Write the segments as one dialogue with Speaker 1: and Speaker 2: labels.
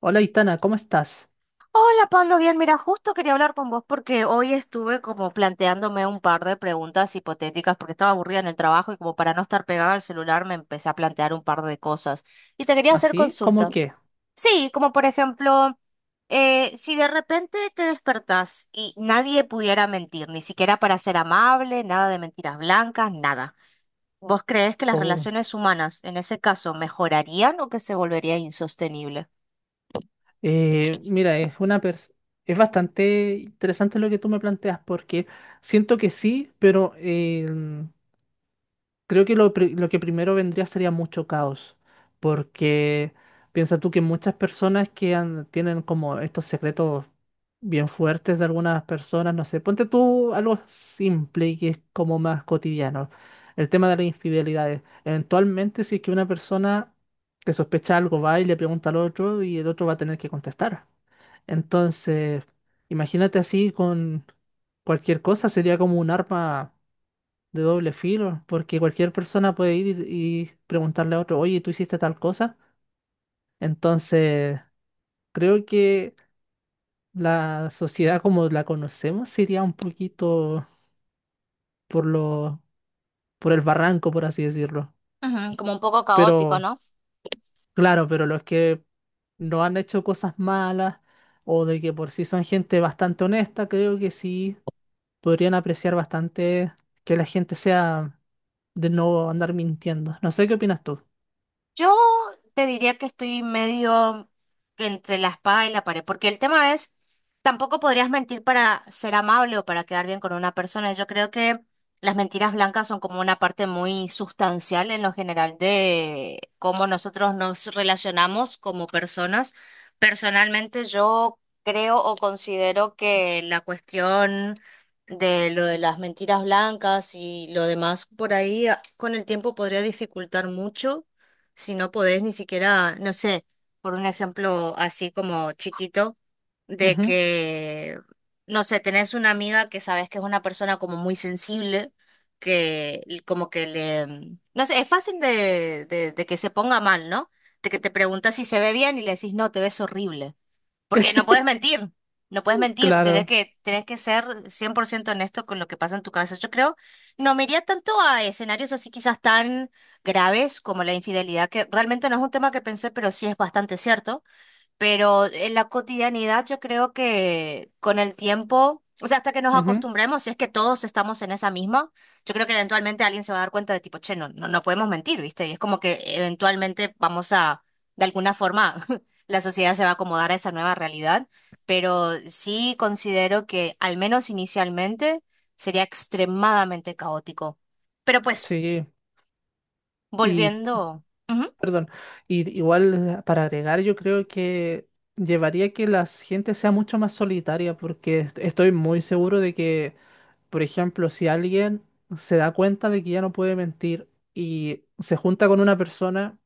Speaker 1: Hola, Itana, ¿cómo estás?
Speaker 2: Hola Pablo, bien, mira, justo quería hablar con vos porque hoy estuve como planteándome un par de preguntas hipotéticas porque estaba aburrida en el trabajo y como para no estar pegada al celular me empecé a plantear un par de cosas y te quería hacer
Speaker 1: ¿Así? ¿Cómo
Speaker 2: consulta.
Speaker 1: qué?
Speaker 2: Sí, como por ejemplo, si de repente te despertás y nadie pudiera mentir, ni siquiera para ser amable, nada de mentiras blancas, nada, ¿vos creés que las
Speaker 1: Oh,
Speaker 2: relaciones humanas en ese caso mejorarían o que se volvería insostenible?
Speaker 1: mira, es bastante interesante lo que tú me planteas porque siento que sí, pero creo que lo que primero vendría sería mucho caos, porque piensa tú que muchas personas tienen como estos secretos bien fuertes de algunas personas, no sé, ponte tú algo simple y que es como más cotidiano, el tema de las infidelidades. Eventualmente, si es que una persona que sospecha algo va y le pregunta al otro y el otro va a tener que contestar. Entonces, imagínate así con cualquier cosa, sería como un arma de doble filo, porque cualquier persona puede ir y preguntarle a otro, oye, ¿tú hiciste tal cosa? Entonces, creo que la sociedad como la conocemos sería un poquito por lo, por el barranco, por así decirlo.
Speaker 2: Ujú, como un poco caótico,
Speaker 1: Pero,
Speaker 2: ¿no?
Speaker 1: claro, pero los que no han hecho cosas malas o de que por sí son gente bastante honesta, creo que sí podrían apreciar bastante que la gente sea de no andar mintiendo. No sé qué opinas tú.
Speaker 2: Yo te diría que estoy medio entre la espada y la pared, porque el tema es, tampoco podrías mentir para ser amable o para quedar bien con una persona. Yo creo que las mentiras blancas son como una parte muy sustancial en lo general de cómo nosotros nos relacionamos como personas. Personalmente, yo creo o considero que la cuestión de lo de las mentiras blancas y lo demás por ahí con el tiempo podría dificultar mucho si no podés ni siquiera, no sé, por un ejemplo así como chiquito, de
Speaker 1: Ujú.
Speaker 2: que, no sé, tenés una amiga que sabes que es una persona como muy sensible, que como que le, no sé, es fácil de que se ponga mal, ¿no? De que te preguntas si se ve bien y le decís, no, te ves horrible. Porque no puedes mentir, no puedes mentir, tenés
Speaker 1: Claro.
Speaker 2: que, tenés que ser 100% honesto con lo que pasa en tu cabeza. Yo creo, no me iría tanto a escenarios así quizás tan graves como la infidelidad, que realmente no es un tema que pensé, pero sí es bastante cierto. Pero en la cotidianidad yo creo que con el tiempo, o sea, hasta que nos
Speaker 1: Ujú.
Speaker 2: acostumbremos, si es que todos estamos en esa misma, yo creo que eventualmente alguien se va a dar cuenta de tipo, che, no, no, no podemos mentir, ¿viste? Y es como que eventualmente vamos a, de alguna forma, la sociedad se va a acomodar a esa nueva realidad, pero sí considero que al menos inicialmente sería extremadamente caótico. Pero pues,
Speaker 1: Sí, y
Speaker 2: volviendo... Ujú.
Speaker 1: perdón, y igual para agregar, yo creo que llevaría que la gente sea mucho más solitaria, porque estoy muy seguro de que, por ejemplo, si alguien se da cuenta de que ya no puede mentir y se junta con una persona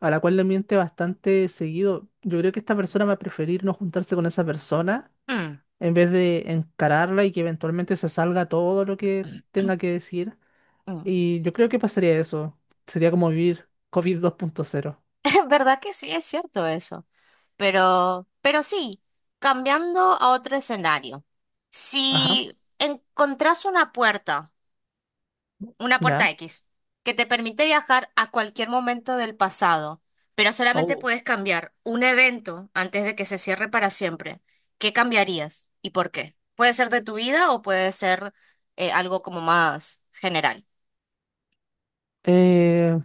Speaker 1: a la cual le miente bastante seguido, yo creo que esta persona va a preferir no juntarse con esa persona
Speaker 2: Mm,
Speaker 1: en vez de encararla y que eventualmente se salga todo lo que tenga que decir.
Speaker 2: mm.
Speaker 1: Y yo creo que pasaría eso. Sería como vivir COVID dos punto cero.
Speaker 2: ¿Verdad que sí es cierto eso? Pero sí, cambiando a otro escenario.
Speaker 1: Ajá,
Speaker 2: Si encontrás una puerta
Speaker 1: ya.
Speaker 2: X, que te permite viajar a cualquier momento del pasado, pero solamente
Speaker 1: Oh.
Speaker 2: puedes cambiar un evento antes de que se cierre para siempre, ¿qué cambiarías y por qué? Puede ser de tu vida o puede ser algo como más general.
Speaker 1: Eh,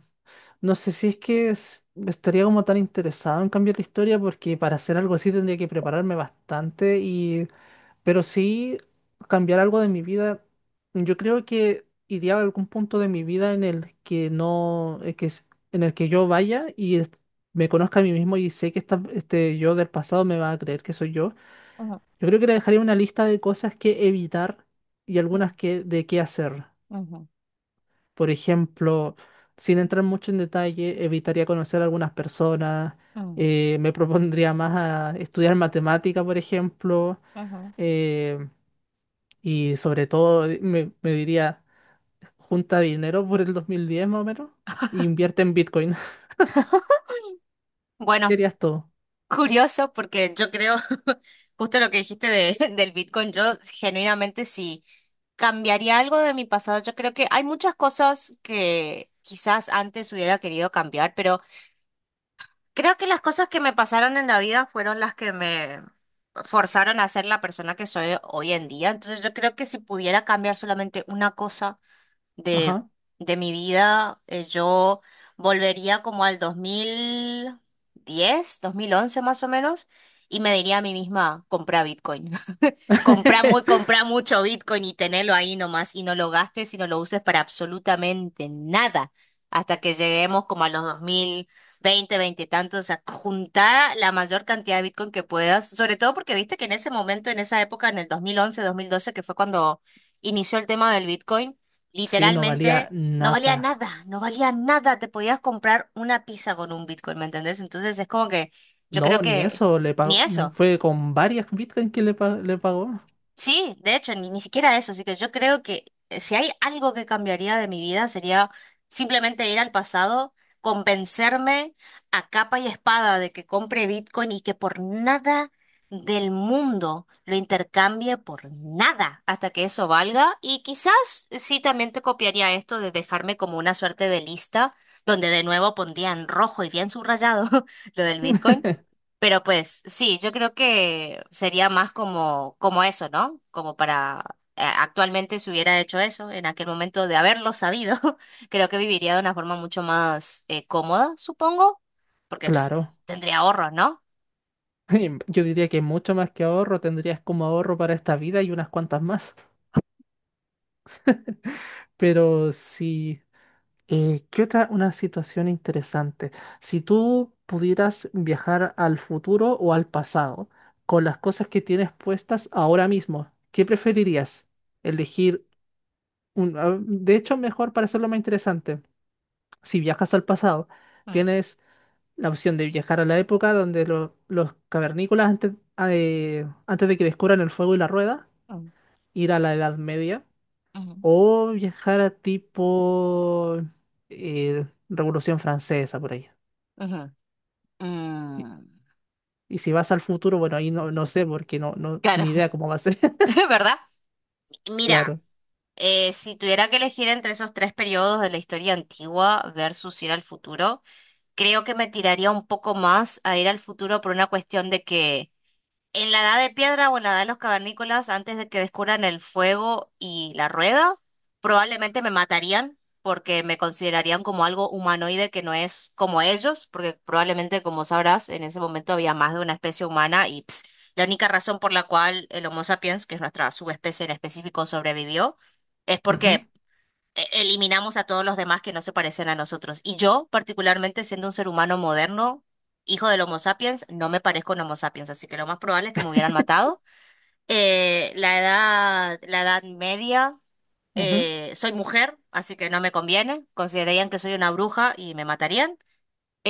Speaker 1: no sé si es que estaría como tan interesado en cambiar la historia porque para hacer algo así tendría que prepararme bastante y... Pero sí cambiar algo de mi vida. Yo creo que iría a algún punto de mi vida en el que no... en el que yo me conozca a mí mismo y sé que este yo del pasado me va a creer que soy yo.
Speaker 2: Ujú,
Speaker 1: Yo creo que le dejaría una lista de cosas que evitar y algunas
Speaker 2: ujú,
Speaker 1: de qué hacer.
Speaker 2: ujú,
Speaker 1: Por ejemplo, sin entrar mucho en detalle, evitaría conocer a algunas personas,
Speaker 2: ujú,
Speaker 1: me propondría más a estudiar matemática, por ejemplo,
Speaker 2: ujú.
Speaker 1: eh, y sobre todo me diría, junta dinero por el 2010 más o menos, e invierte en Bitcoin.
Speaker 2: Bueno.
Speaker 1: Querías todo.
Speaker 2: Curioso, porque yo creo, justo lo que dijiste de, del Bitcoin, yo genuinamente sí cambiaría algo de mi pasado. Yo creo que hay muchas cosas que quizás antes hubiera querido cambiar, pero creo que las cosas que me pasaron en la vida fueron las que me forzaron a ser la persona que soy hoy en día. Entonces yo creo que si pudiera cambiar solamente una cosa de,
Speaker 1: Ajá.
Speaker 2: de mi vida, yo volvería como al 2010 2011 más o menos, y me diría a mí misma, compra Bitcoin. Comprá mucho Bitcoin y tenelo ahí nomás y no lo gastes y no lo uses para absolutamente nada hasta que lleguemos como a los 2020, veinte veinte y tantos, a juntar la mayor cantidad de Bitcoin que puedas, sobre todo porque viste que en ese momento, en esa época, en el 2011 2012 que fue cuando inició el tema del Bitcoin,
Speaker 1: Sí, no valía
Speaker 2: literalmente no valía
Speaker 1: nada.
Speaker 2: nada, no valía nada, te podías comprar una pizza con un Bitcoin, ¿me entendés? Entonces es como que yo
Speaker 1: No,
Speaker 2: creo
Speaker 1: ni
Speaker 2: que
Speaker 1: eso, le
Speaker 2: ni
Speaker 1: pagó, no,
Speaker 2: eso.
Speaker 1: fue con varias Bitcoin que le pagó.
Speaker 2: Sí, de hecho, ni siquiera eso. Así que yo creo que si hay algo que cambiaría de mi vida sería simplemente ir al pasado, convencerme a capa y espada de que compre Bitcoin y que por nada del mundo lo intercambie por nada hasta que eso valga. Y quizás sí también te copiaría esto de dejarme como una suerte de lista donde de nuevo pondría en rojo y bien subrayado lo del Bitcoin, pero pues sí, yo creo que sería más como, como eso, ¿no? Como para, actualmente, si hubiera hecho eso en aquel momento de haberlo sabido, creo que viviría de una forma mucho más cómoda, supongo, porque
Speaker 1: Claro.
Speaker 2: tendría ahorros, ¿no?
Speaker 1: Yo diría que mucho más que ahorro tendrías como ahorro para esta vida y unas cuantas más. Pero sí, ¿qué otra? Una situación interesante. Si tú pudieras viajar al futuro o al pasado con las cosas que tienes puestas ahora mismo, ¿qué preferirías? Elegir de hecho, mejor para hacerlo más interesante. Si viajas al pasado,
Speaker 2: Mm,
Speaker 1: tienes la opción de viajar a la época donde los cavernícolas antes, antes de que descubran el fuego y la rueda,
Speaker 2: mm,
Speaker 1: ir a la Edad Media,
Speaker 2: ujú,
Speaker 1: o viajar a tipo Revolución Francesa por ahí.
Speaker 2: ujú,
Speaker 1: Y,
Speaker 2: mm.
Speaker 1: y si vas al futuro, bueno, ahí no sé porque
Speaker 2: Claro,
Speaker 1: ni idea cómo va a ser.
Speaker 2: ¿verdad? Mira,
Speaker 1: Claro.
Speaker 2: si tuviera que elegir entre esos tres periodos de la historia antigua versus ir al futuro, creo que me tiraría un poco más a ir al futuro por una cuestión de que en la edad de piedra o en la edad de los cavernícolas, antes de que descubran el fuego y la rueda, probablemente me matarían porque me considerarían como algo humanoide que no es como ellos, porque probablemente, como sabrás, en ese momento había más de una especie humana y la única razón por la cual el Homo sapiens, que es nuestra subespecie en específico, sobrevivió, es
Speaker 1: Ujú,
Speaker 2: porque eliminamos a todos los demás que no se parecen a nosotros. Y yo, particularmente siendo un ser humano moderno, hijo del Homo sapiens, no me parezco a un Homo sapiens, así que lo más probable es que me hubieran matado. La edad media,
Speaker 1: ujú.
Speaker 2: soy mujer, así que no me conviene. Considerarían que soy una bruja y me matarían.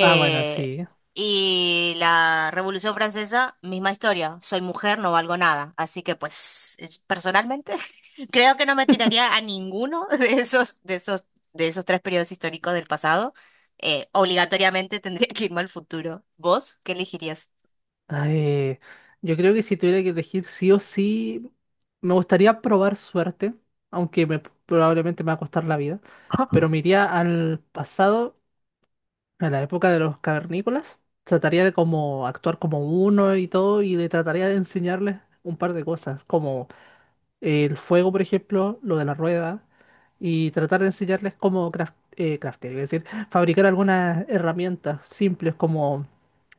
Speaker 1: Ah, bueno, sí.
Speaker 2: y la Revolución Francesa, misma historia. Soy mujer, no valgo nada. Así que, pues, personalmente, creo que no me tiraría a ninguno de esos tres periodos históricos del pasado. Obligatoriamente tendría que irme al futuro. ¿Vos qué elegirías?
Speaker 1: Ay, yo creo que si tuviera que elegir sí o sí, me gustaría probar suerte, aunque me, probablemente me va a costar la vida, pero me iría al pasado, a la época de los cavernícolas, trataría de como actuar como uno y todo, y le trataría de enseñarles un par de cosas, como el fuego, por ejemplo, lo de la rueda, y tratar de enseñarles cómo craftear, es decir, fabricar algunas herramientas simples como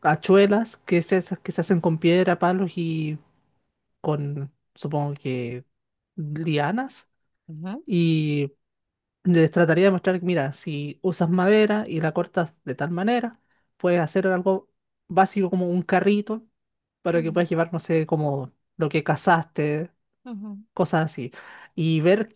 Speaker 1: hachuelas que se hacen con piedra, palos y con, supongo que, lianas.
Speaker 2: Ujú.
Speaker 1: Y les trataría de mostrar, mira, si usas madera y la cortas de tal manera, puedes hacer algo básico como un carrito para que puedas llevar, no sé, como lo que cazaste, cosas así y ver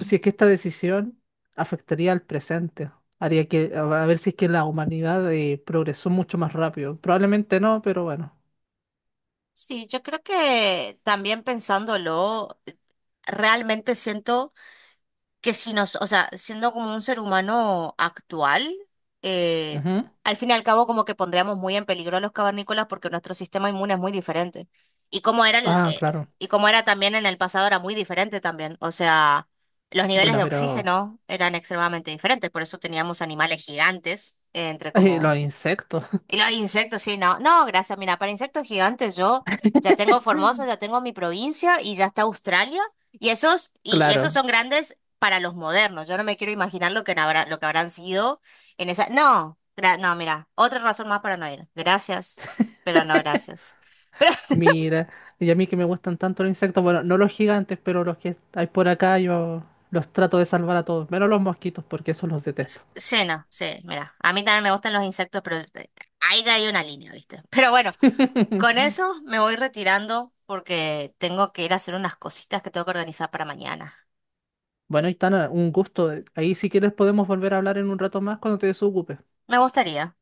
Speaker 1: si es que esta decisión afectaría al presente, haría que, a ver si es que la humanidad progresó mucho más rápido. Probablemente no, pero bueno.
Speaker 2: Sí, yo creo que también pensándolo, realmente siento que si nos, o sea, siendo como un ser humano actual, eh,
Speaker 1: Ujú.
Speaker 2: al fin y al cabo como que pondríamos muy en peligro a los cavernícolas porque nuestro sistema inmune es muy diferente. Y como era el,
Speaker 1: Ah,
Speaker 2: eh,
Speaker 1: claro.
Speaker 2: y como era también en el pasado era muy diferente también. O sea, los niveles
Speaker 1: Bueno,
Speaker 2: de
Speaker 1: pero
Speaker 2: oxígeno eran extremadamente diferentes, por eso teníamos animales gigantes, entre
Speaker 1: los
Speaker 2: como
Speaker 1: insectos.
Speaker 2: y los insectos, sí, no. No, gracias. Mira, para insectos gigantes yo ya tengo Formosa, ya tengo mi provincia y ya está Australia. Y esos
Speaker 1: Claro.
Speaker 2: son grandes para los modernos. Yo no me quiero imaginar lo que habrán sido en esa. No, no, mira, otra razón más para no ir. Gracias, pero no gracias. Pero
Speaker 1: Mira, y a mí que me gustan tanto los insectos, bueno, no los gigantes, pero los que hay por acá, yo los trato de salvar a todos, menos los mosquitos, porque esos los detesto.
Speaker 2: sí, no, sí, mira. A mí también me gustan los insectos, pero ahí ya hay una línea, ¿viste? Pero bueno, con eso me voy retirando porque tengo que ir a hacer unas cositas que tengo que organizar para mañana.
Speaker 1: Bueno, Itana, un gusto. Ahí si quieres podemos volver a hablar en un rato más cuando te desocupes.
Speaker 2: Me gustaría.